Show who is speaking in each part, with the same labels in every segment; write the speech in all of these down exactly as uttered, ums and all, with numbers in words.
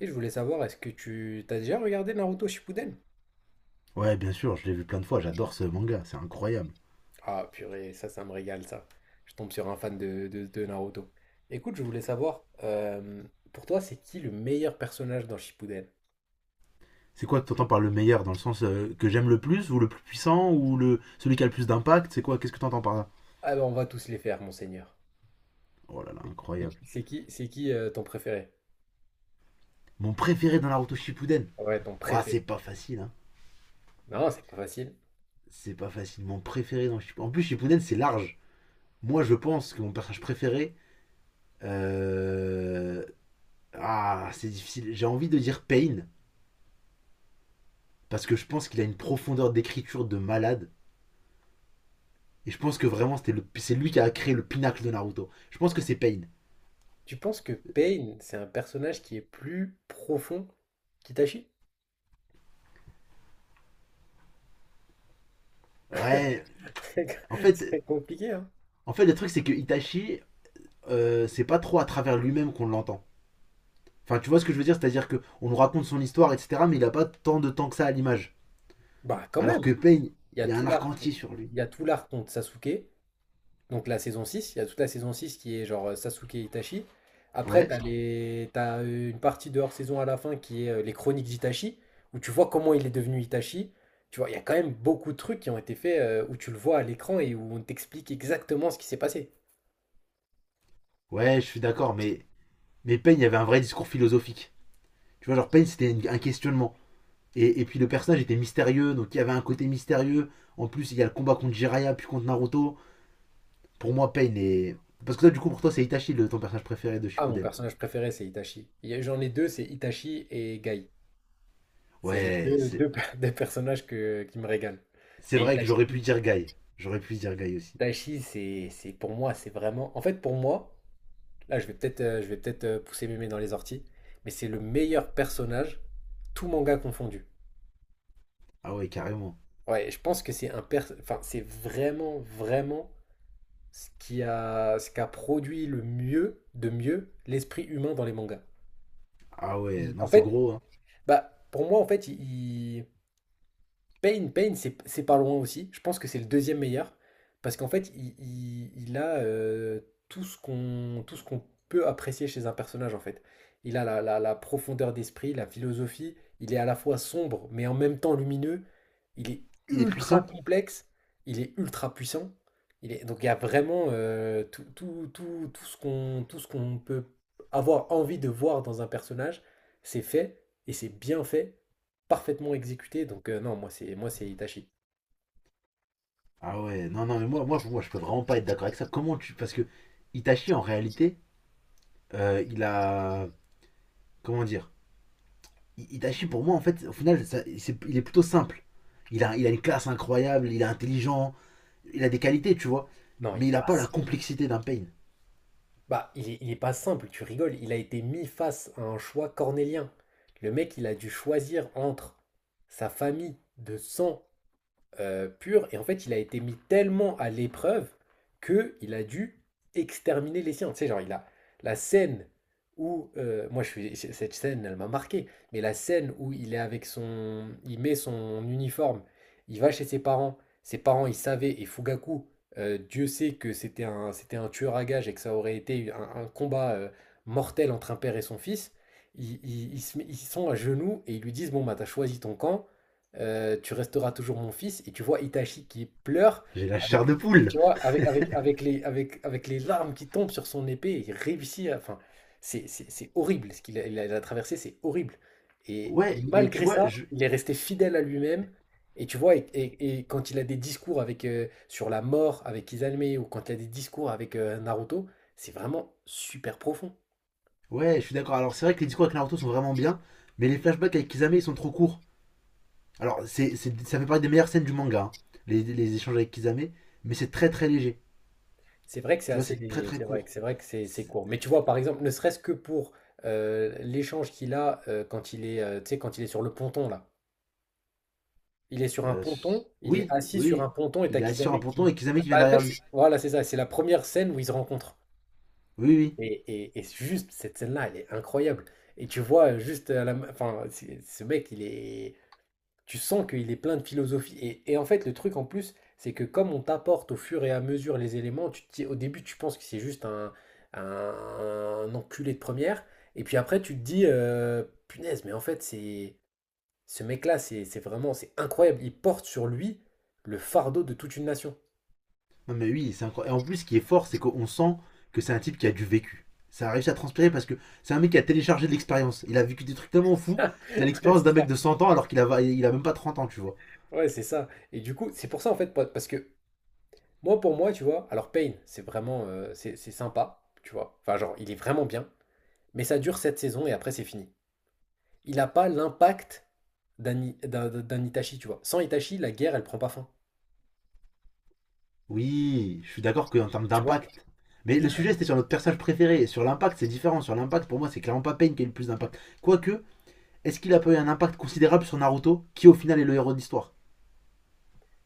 Speaker 1: Et je voulais savoir, est-ce que tu t'as déjà regardé Naruto Shippuden?
Speaker 2: Ouais, bien sûr, je l'ai vu plein de fois, j'adore ce manga, c'est incroyable.
Speaker 1: Ah purée, ça, ça me régale ça. Je tombe sur un fan de, de- de Naruto. Écoute, je voulais savoir, euh, pour toi, c'est qui le meilleur personnage dans Shippuden?
Speaker 2: C'est quoi que t'entends par le meilleur, dans le sens euh, que j'aime le plus, ou le plus puissant, ou le celui qui a le plus d'impact? C'est quoi? Qu'est-ce que t'entends par là?
Speaker 1: Ah ben, on va tous les faire, monseigneur.
Speaker 2: Oh là là,
Speaker 1: C'est
Speaker 2: incroyable.
Speaker 1: qui, c'est qui, c'est qui, euh, ton préféré?
Speaker 2: Mon préféré dans Naruto Shippuden.
Speaker 1: Ouais, ton
Speaker 2: Ouah, c'est
Speaker 1: préféré.
Speaker 2: pas facile hein.
Speaker 1: Non, c'est pas facile.
Speaker 2: C'est pas facile. Mon préféré dans Shippuden. En plus Shippuden c'est large. Moi je pense que mon personnage préféré euh, ah, c'est difficile. J'ai envie de dire Pain parce que je pense qu'il a une profondeur d'écriture de malade, et je pense que vraiment c'était le c'est lui qui a créé le pinacle de Naruto. Je pense que c'est Pain.
Speaker 1: Tu penses que Pain, c'est un personnage qui est plus profond qu'Itachi?
Speaker 2: Ouais,
Speaker 1: C'est
Speaker 2: en fait,
Speaker 1: c'est compliqué, hein?
Speaker 2: en fait le truc c'est que Itachi, euh, c'est pas trop à travers lui-même qu'on l'entend. Enfin, tu vois ce que je veux dire, c'est-à-dire que on nous raconte son histoire, et cetera, mais il a pas tant de temps que ça à l'image.
Speaker 1: Bah, quand même,
Speaker 2: Alors que Pain,
Speaker 1: il y
Speaker 2: il
Speaker 1: a
Speaker 2: y a
Speaker 1: tout
Speaker 2: un arc
Speaker 1: l'art,
Speaker 2: entier sur lui.
Speaker 1: il y a tout l'arc contre Sasuke. Donc la saison six, il y a toute la saison six qui est genre euh, Sasuke Itachi. Après,
Speaker 2: Ouais,
Speaker 1: t'as les... t'as euh, une partie de hors-saison à la fin qui est euh, les chroniques d'Itachi, où tu vois comment il est devenu Itachi. Tu vois, il y a quand même beaucoup de trucs qui ont été faits euh, où tu le vois à l'écran et où on t'explique exactement ce qui s'est passé.
Speaker 2: ouais, je suis d'accord, mais, mais Pain, il y avait un vrai discours philosophique. Tu vois, genre Pain, c'était une- un questionnement. Et, et puis le personnage était mystérieux, donc il y avait un côté mystérieux. En plus, il y a le combat contre Jiraiya, puis contre Naruto. Pour moi, Pain est... Parce que toi, du coup, pour toi, c'est Itachi, le, ton personnage préféré de
Speaker 1: Ah, mon
Speaker 2: Shippuden.
Speaker 1: personnage préféré, c'est Itachi. Il y a- J'en ai deux, c'est Itachi et Gai. C'est les
Speaker 2: Ouais.
Speaker 1: deux, deux, per- deux personnages que, qui me régalent.
Speaker 2: C'est
Speaker 1: Mais
Speaker 2: vrai que
Speaker 1: Itachi,
Speaker 2: j'aurais pu dire Guy. J'aurais pu dire Guy aussi.
Speaker 1: Itachi c'est, c'est pour moi, c'est vraiment... En fait, pour moi... Là, je vais peut-être euh, je vais peut-être euh, pousser mémé dans les orties, mais c'est le meilleur personnage, tout manga confondu.
Speaker 2: Ah ouais, carrément.
Speaker 1: Ouais, je pense que c'est un pers- enfin, c'est vraiment vraiment ce qui a ce qu'a produit le mieux de mieux l'esprit humain dans les mangas.
Speaker 2: Ah ouais,
Speaker 1: Il-
Speaker 2: non,
Speaker 1: en
Speaker 2: c'est
Speaker 1: fait,
Speaker 2: gros, hein.
Speaker 1: bah pour moi en fait, il, Pain, Pain, c'est c'est pas loin aussi. Je pense que c'est le deuxième meilleur. Parce qu'en fait, il, il- il a euh, tout ce qu'on tout ce qu'on peut apprécier chez un personnage, en fait. Il a la, la- la profondeur d'esprit, la philosophie. Il est à la fois sombre, mais en même temps lumineux. Il est
Speaker 2: Il est
Speaker 1: ultra
Speaker 2: puissant.
Speaker 1: complexe. Il est ultra puissant. Il est... Donc il y a vraiment euh, tout, tout, tout, tout ce qu'on tout ce qu'on peut avoir envie de voir dans un personnage. C'est fait, et c'est bien fait, parfaitement exécuté. Donc euh, non, moi c'est moi c'est Itachi.
Speaker 2: Ah ouais, non, non, mais moi, moi, pour moi, je peux vraiment pas être d'accord avec ça. Comment tu. Parce que Itachi, en réalité, euh, il a. Comment dire. I- Itachi, pour moi, en fait, au final, ça- c'est- il est plutôt simple. Il a, il a une classe incroyable, il est intelligent, il a des qualités, tu vois.
Speaker 1: Non,
Speaker 2: Mais
Speaker 1: il est
Speaker 2: il a
Speaker 1: pas
Speaker 2: pas la complexité d'un Pain.
Speaker 1: bah il est, il est pas simple, tu rigoles, il a été mis face à un choix cornélien. Le mec, il a dû choisir entre sa famille de sang euh, pur. Et en fait, il a été mis tellement à l'épreuve que il a dû exterminer les siens. Tu sais, genre, il a la scène où, euh, moi, je suis, cette scène, elle m'a marqué, mais la scène où il est avec son, il met son uniforme, il va chez ses parents, ses parents, ils savaient, et Fugaku, euh, Dieu sait que c'était un, c'était un tueur à gages et que ça aurait été un, un combat euh, mortel entre un père et son fils. Ils, ils- ils se met- ils sont à genoux et ils lui disent, bon, bah, t'as choisi ton camp, heu, tu resteras toujours mon fils, et tu vois Itachi qui pleure
Speaker 2: J'ai la
Speaker 1: avec,
Speaker 2: chair de poule.
Speaker 1: tu vois? Avec avec avec les avec avec les larmes qui tombent sur son épée, et il réussit à, enfin, c'est c'est c'est horrible ce qu'il a il a il a traversé, c'est horrible, et et
Speaker 2: Ouais, mais tu
Speaker 1: malgré
Speaker 2: vois,
Speaker 1: ça,
Speaker 2: je,
Speaker 1: il est resté fidèle à lui-même. Et tu vois? Et et et quand il a des discours avec, heu, sur la mort avec Izanami, ou quand il a des discours avec, heu, Naruto, c'est vraiment super profond.
Speaker 2: ouais, je suis d'accord. Alors, c'est vrai que les discours avec Naruto sont vraiment bien, mais les flashbacks avec Kisame ils sont trop courts. Alors, c'est, c'est- ça fait partie des meilleures scènes du manga, hein, les, les échanges avec Kisame, mais c'est très très léger.
Speaker 1: C'est vrai que c'est
Speaker 2: Tu vois,
Speaker 1: assez
Speaker 2: c'est très
Speaker 1: léger,
Speaker 2: très
Speaker 1: c'est vrai
Speaker 2: court.
Speaker 1: que c'est vrai que c'est c'est court. Mais tu vois, par exemple, ne serait-ce que pour euh, l'échange qu'il a euh, quand il est, euh, tu sais, quand il est sur le ponton là. Il est sur un
Speaker 2: Euh,
Speaker 1: ponton, il est
Speaker 2: oui,
Speaker 1: assis sur un
Speaker 2: oui,
Speaker 1: ponton et
Speaker 2: il
Speaker 1: t'as
Speaker 2: est assis sur un
Speaker 1: Kisame
Speaker 2: ponton
Speaker 1: qui.
Speaker 2: et Kisame qui vient
Speaker 1: Bah, en fait,
Speaker 2: derrière lui.
Speaker 1: c'est- voilà, c'est ça. C'est la première scène où ils se rencontrent.
Speaker 2: Oui, oui.
Speaker 1: Et, et, et c'est juste cette scène-là, elle est incroyable. Et tu vois euh, juste à la, ma- enfin, c'est- ce mec, il est, tu sens qu'il est plein de philosophie. Et, et en fait, le truc en plus, c'est que comme on t'apporte au fur et à mesure les éléments, tu te dis- au début, tu penses que c'est juste un, un, un enculé de première. Et puis après, tu te dis, euh, punaise, mais en fait, c'est ce mec-là, c'est c'est vraiment, c'est incroyable. Il porte sur lui le fardeau de toute une nation.
Speaker 2: Non mais oui, c'est incroyable. Et en plus, ce qui est fort, c'est qu'on sent que c'est un type qui a du vécu. Ça a réussi à transpirer parce que c'est un mec qui a téléchargé de l'expérience. Il a vécu des trucs tellement fous
Speaker 1: Ah,
Speaker 2: qu'il
Speaker 1: ouais,
Speaker 2: a l'expérience
Speaker 1: c'est
Speaker 2: d'un mec
Speaker 1: ça.
Speaker 2: de cent ans alors qu'il a, il a même pas trente ans, tu vois.
Speaker 1: Ouais, c'est ça. Et du coup, c'est pour ça, en fait, pa- parce que moi, pour moi, tu vois, alors Pain, c'est vraiment, euh, c'est c'est sympa, tu vois. Enfin, genre, il est vraiment bien, mais ça dure cette saison et après, c'est fini. Il n'a pas l'impact d'un I- d'un- d'un Itachi, tu vois. Sans Itachi, la guerre, elle prend pas fin.
Speaker 2: Oui, je suis d'accord qu'en termes
Speaker 1: Tu vois,
Speaker 2: d'impact. Mais le sujet, c'était sur notre personnage préféré. Et sur l'impact, c'est différent. Sur l'impact, pour moi, c'est clairement pas Pain qui a eu le plus d'impact. Quoique, est-ce qu'il a pas eu un impact considérable sur Naruto, qui au final est le héros de l'histoire?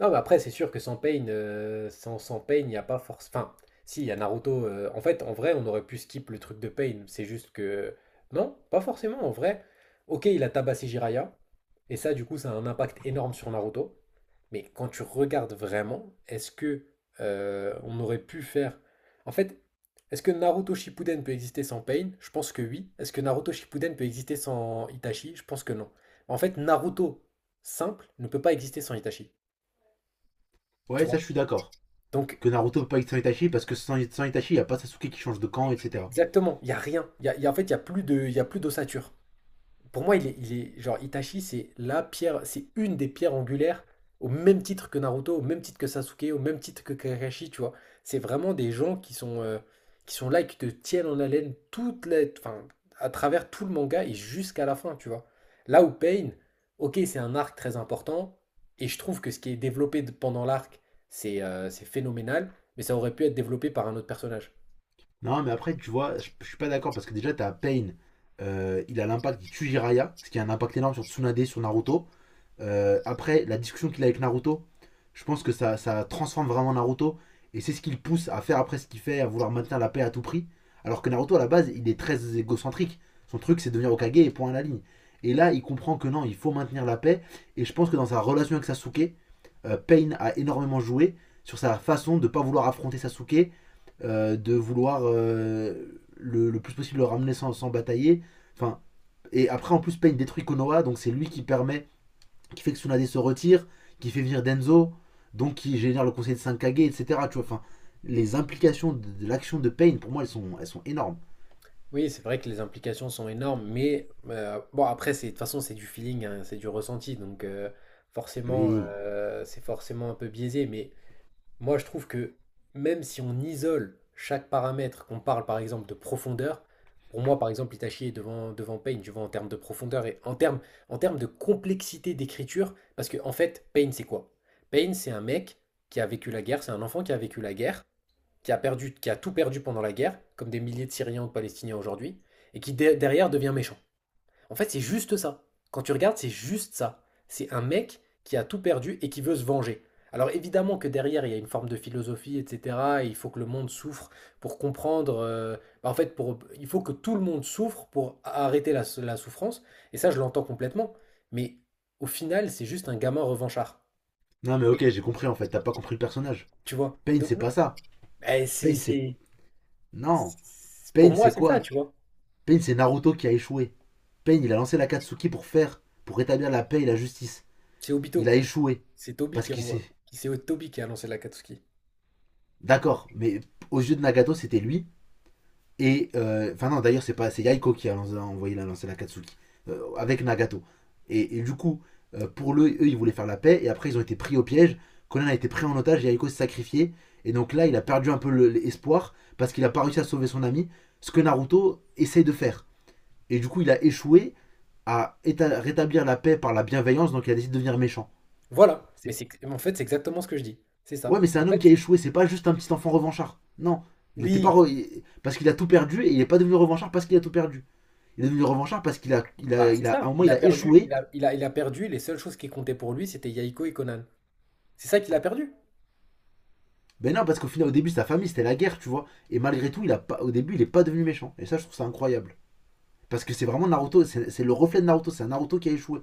Speaker 1: non, mais après, c'est sûr que sans Pain, euh, sans, sans Pain, il n'y a pas force. Enfin, si, il y a Naruto. Euh, en fait, en vrai, on aurait pu skip le truc de Pain. C'est juste que. Non, pas forcément, en vrai. Ok, il a tabassé Jiraiya. Et ça, du coup, ça a un impact énorme sur Naruto. Mais quand tu regardes vraiment, est-ce que euh, on aurait pu faire. En fait, est-ce que Naruto Shippuden peut exister sans Pain? Je pense que oui. Est-ce que Naruto Shippuden peut exister sans Itachi? Je pense que non. En fait, Naruto simple ne peut pas exister sans Itachi. Tu
Speaker 2: Ouais,
Speaker 1: vois,
Speaker 2: ça, je suis d'accord.
Speaker 1: donc
Speaker 2: Que Naruto peut pas être sans Itachi, parce que sans, sans Itachi, il n'y a pas Sasuke qui change de camp, et cetera.
Speaker 1: exactement, il y a rien. Il y a il y a en fait, il y a plus de il y a plus d'ossature. Pour moi, il est il est genre Itachi, c'est la pierre c'est une des pierres angulaires au même titre que Naruto, au même titre que Sasuke, au même titre que Kakashi, tu vois? C'est vraiment des gens qui sont, heu, qui sont là et qui te tiennent en haleine toute la, enfin, à travers tout le manga et jusqu'à la fin, tu vois? Là où Pain, OK, c'est un arc très important, et je trouve que ce qui est développé d pendant l'arc, c'est, heu, c'est phénoménal, mais ça aurait pu être développé par un autre personnage.
Speaker 2: Non, mais après, tu vois, je, je suis pas d'accord, parce que déjà, t'as Pain, euh, il a l'impact, il tue Jiraiya, ce qui a un impact énorme sur Tsunade, sur Naruto. Euh, après, la discussion qu'il a avec Naruto, je pense que ça, ça transforme vraiment Naruto. Et c'est ce qui le pousse à faire après ce qu'il fait, à vouloir maintenir la paix à tout prix. Alors que Naruto, à la base, il est très égocentrique. Son truc, c'est devenir Hokage et point à la ligne. Et là, il comprend que non, il faut maintenir la paix. Et je pense que dans sa relation avec Sasuke, euh, Pain a énormément joué sur sa façon de ne pas vouloir affronter Sasuke, euh, de vouloir euh, le, le plus possible le ramener sans, sans batailler. Enfin, et après, en plus, Pain détruit Konoha, donc c'est lui qui permet qui fait que Tsunade se retire, qui fait venir Denzo, donc qui génère le conseil de Sankage, et cetera. Tu vois, enfin, les implications de, de l'action de Pain, pour moi, elles sont, elles sont énormes.
Speaker 1: Oui, c'est vrai que les implications sont énormes, mais euh, bon, après, c'est, de toute façon, c'est du feeling, hein, c'est du ressenti, donc euh, forcément,
Speaker 2: Oui.
Speaker 1: euh, c'est forcément un peu biaisé. Mais moi, je trouve que même si on isole chaque paramètre, qu'on parle par exemple de profondeur, pour moi, par exemple, Itachi est devant, devant Pain, tu vois, en termes de profondeur et en termes, en termes de complexité d'écriture, parce que en fait, Pain c'est quoi? Pain c'est un mec qui a vécu la guerre, c'est un enfant qui a vécu la guerre, qui a perdu, qui a tout perdu pendant la guerre, comme des milliers de Syriens ou de Palestiniens aujourd'hui, et qui de- derrière devient méchant. En fait, c'est juste ça. Quand tu regardes, c'est juste ça. C'est un mec qui a tout perdu et qui veut se venger. Alors évidemment que derrière, il y a une forme de philosophie, et cetera et il faut que le monde souffre pour comprendre. Euh, bah, en fait, pour, il faut que tout le monde souffre pour arrêter la, la souffrance. Et ça, je l'entends complètement. Mais au final, c'est juste un gamin revanchard.
Speaker 2: Non, mais
Speaker 1: Oui.
Speaker 2: ok, j'ai compris en fait, t'as pas compris le personnage.
Speaker 1: Tu vois?
Speaker 2: Pain,
Speaker 1: Donc,
Speaker 2: c'est pas ça.
Speaker 1: eh, c'est,
Speaker 2: Pain, c'est.
Speaker 1: c'est-
Speaker 2: Non.
Speaker 1: c'est- pour
Speaker 2: Pain,
Speaker 1: moi,
Speaker 2: c'est
Speaker 1: c'est ça,
Speaker 2: quoi?
Speaker 1: tu vois.
Speaker 2: Pain, c'est Naruto qui a échoué. Pain, il a lancé la Katsuki pour faire, pour rétablir la paix et la justice.
Speaker 1: C'est
Speaker 2: Il
Speaker 1: Obito.
Speaker 2: a échoué.
Speaker 1: C'est Toby
Speaker 2: Parce
Speaker 1: qui
Speaker 2: qu'il s'est.
Speaker 1: envoie. C'est Toby qui a lancé l'Akatsuki.
Speaker 2: D'accord, mais aux yeux de Nagato, c'était lui. Et. euh, Enfin, euh, non, d'ailleurs, c'est pas. C'est Yaiko qui a, lancé- a envoyé la lancer la Katsuki. euh, avec Nagato. Et, et du coup, euh, pour le, eux, ils voulaient faire la paix. Et après, ils ont été pris au piège. Conan a été pris en otage. Yaiko s'est sacrifié. Et donc là, il a perdu un peu l'espoir. Parce qu'il a pas réussi à sauver son ami. Ce que Naruto essaye de faire. Et du coup, il a échoué à rétablir la paix par la bienveillance. Donc il a décidé de devenir méchant.
Speaker 1: Voilà. Mais c'est en fait, c'est exactement ce que je dis. C'est
Speaker 2: Ouais,
Speaker 1: ça.
Speaker 2: mais c'est
Speaker 1: En
Speaker 2: un homme qui a
Speaker 1: fait,
Speaker 2: échoué. C'est pas juste un petit enfant revanchard. Non. Il était pas.
Speaker 1: oui,
Speaker 2: Re- Parce qu'il a tout perdu. Et il n'est pas devenu revanchard parce qu'il a tout perdu. Il est devenu revanchard parce qu'il a, il
Speaker 1: bah,
Speaker 2: a,
Speaker 1: c'est
Speaker 2: il a, à
Speaker 1: ça.
Speaker 2: un moment,
Speaker 1: Il
Speaker 2: il
Speaker 1: a
Speaker 2: a
Speaker 1: perdu. Il
Speaker 2: échoué.
Speaker 1: a, il a, il a perdu. Et les seules choses qui comptaient pour lui, c'était Yahiko et Conan. C'est ça qu'il a perdu.
Speaker 2: Ben non, parce qu'au final, au début, sa famille, c'était la guerre, tu vois. Et malgré tout, il a pas, au début, il est pas devenu méchant. Et ça, je trouve ça incroyable. Parce que c'est vraiment Naruto, c'est c'est le reflet de Naruto, c'est un Naruto qui a échoué.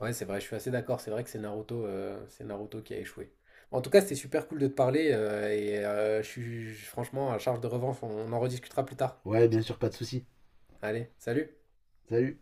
Speaker 1: Ouais, c'est vrai, je suis assez d'accord. C'est vrai que c'est Naruto, euh, c'est Naruto qui a échoué. En tout cas, c'était super cool de te parler. euh, et euh, je suis je- franchement à charge de revanche. on on en rediscutera plus tard.
Speaker 2: Ouais, bien sûr, pas de souci.
Speaker 1: Allez, salut.
Speaker 2: Salut.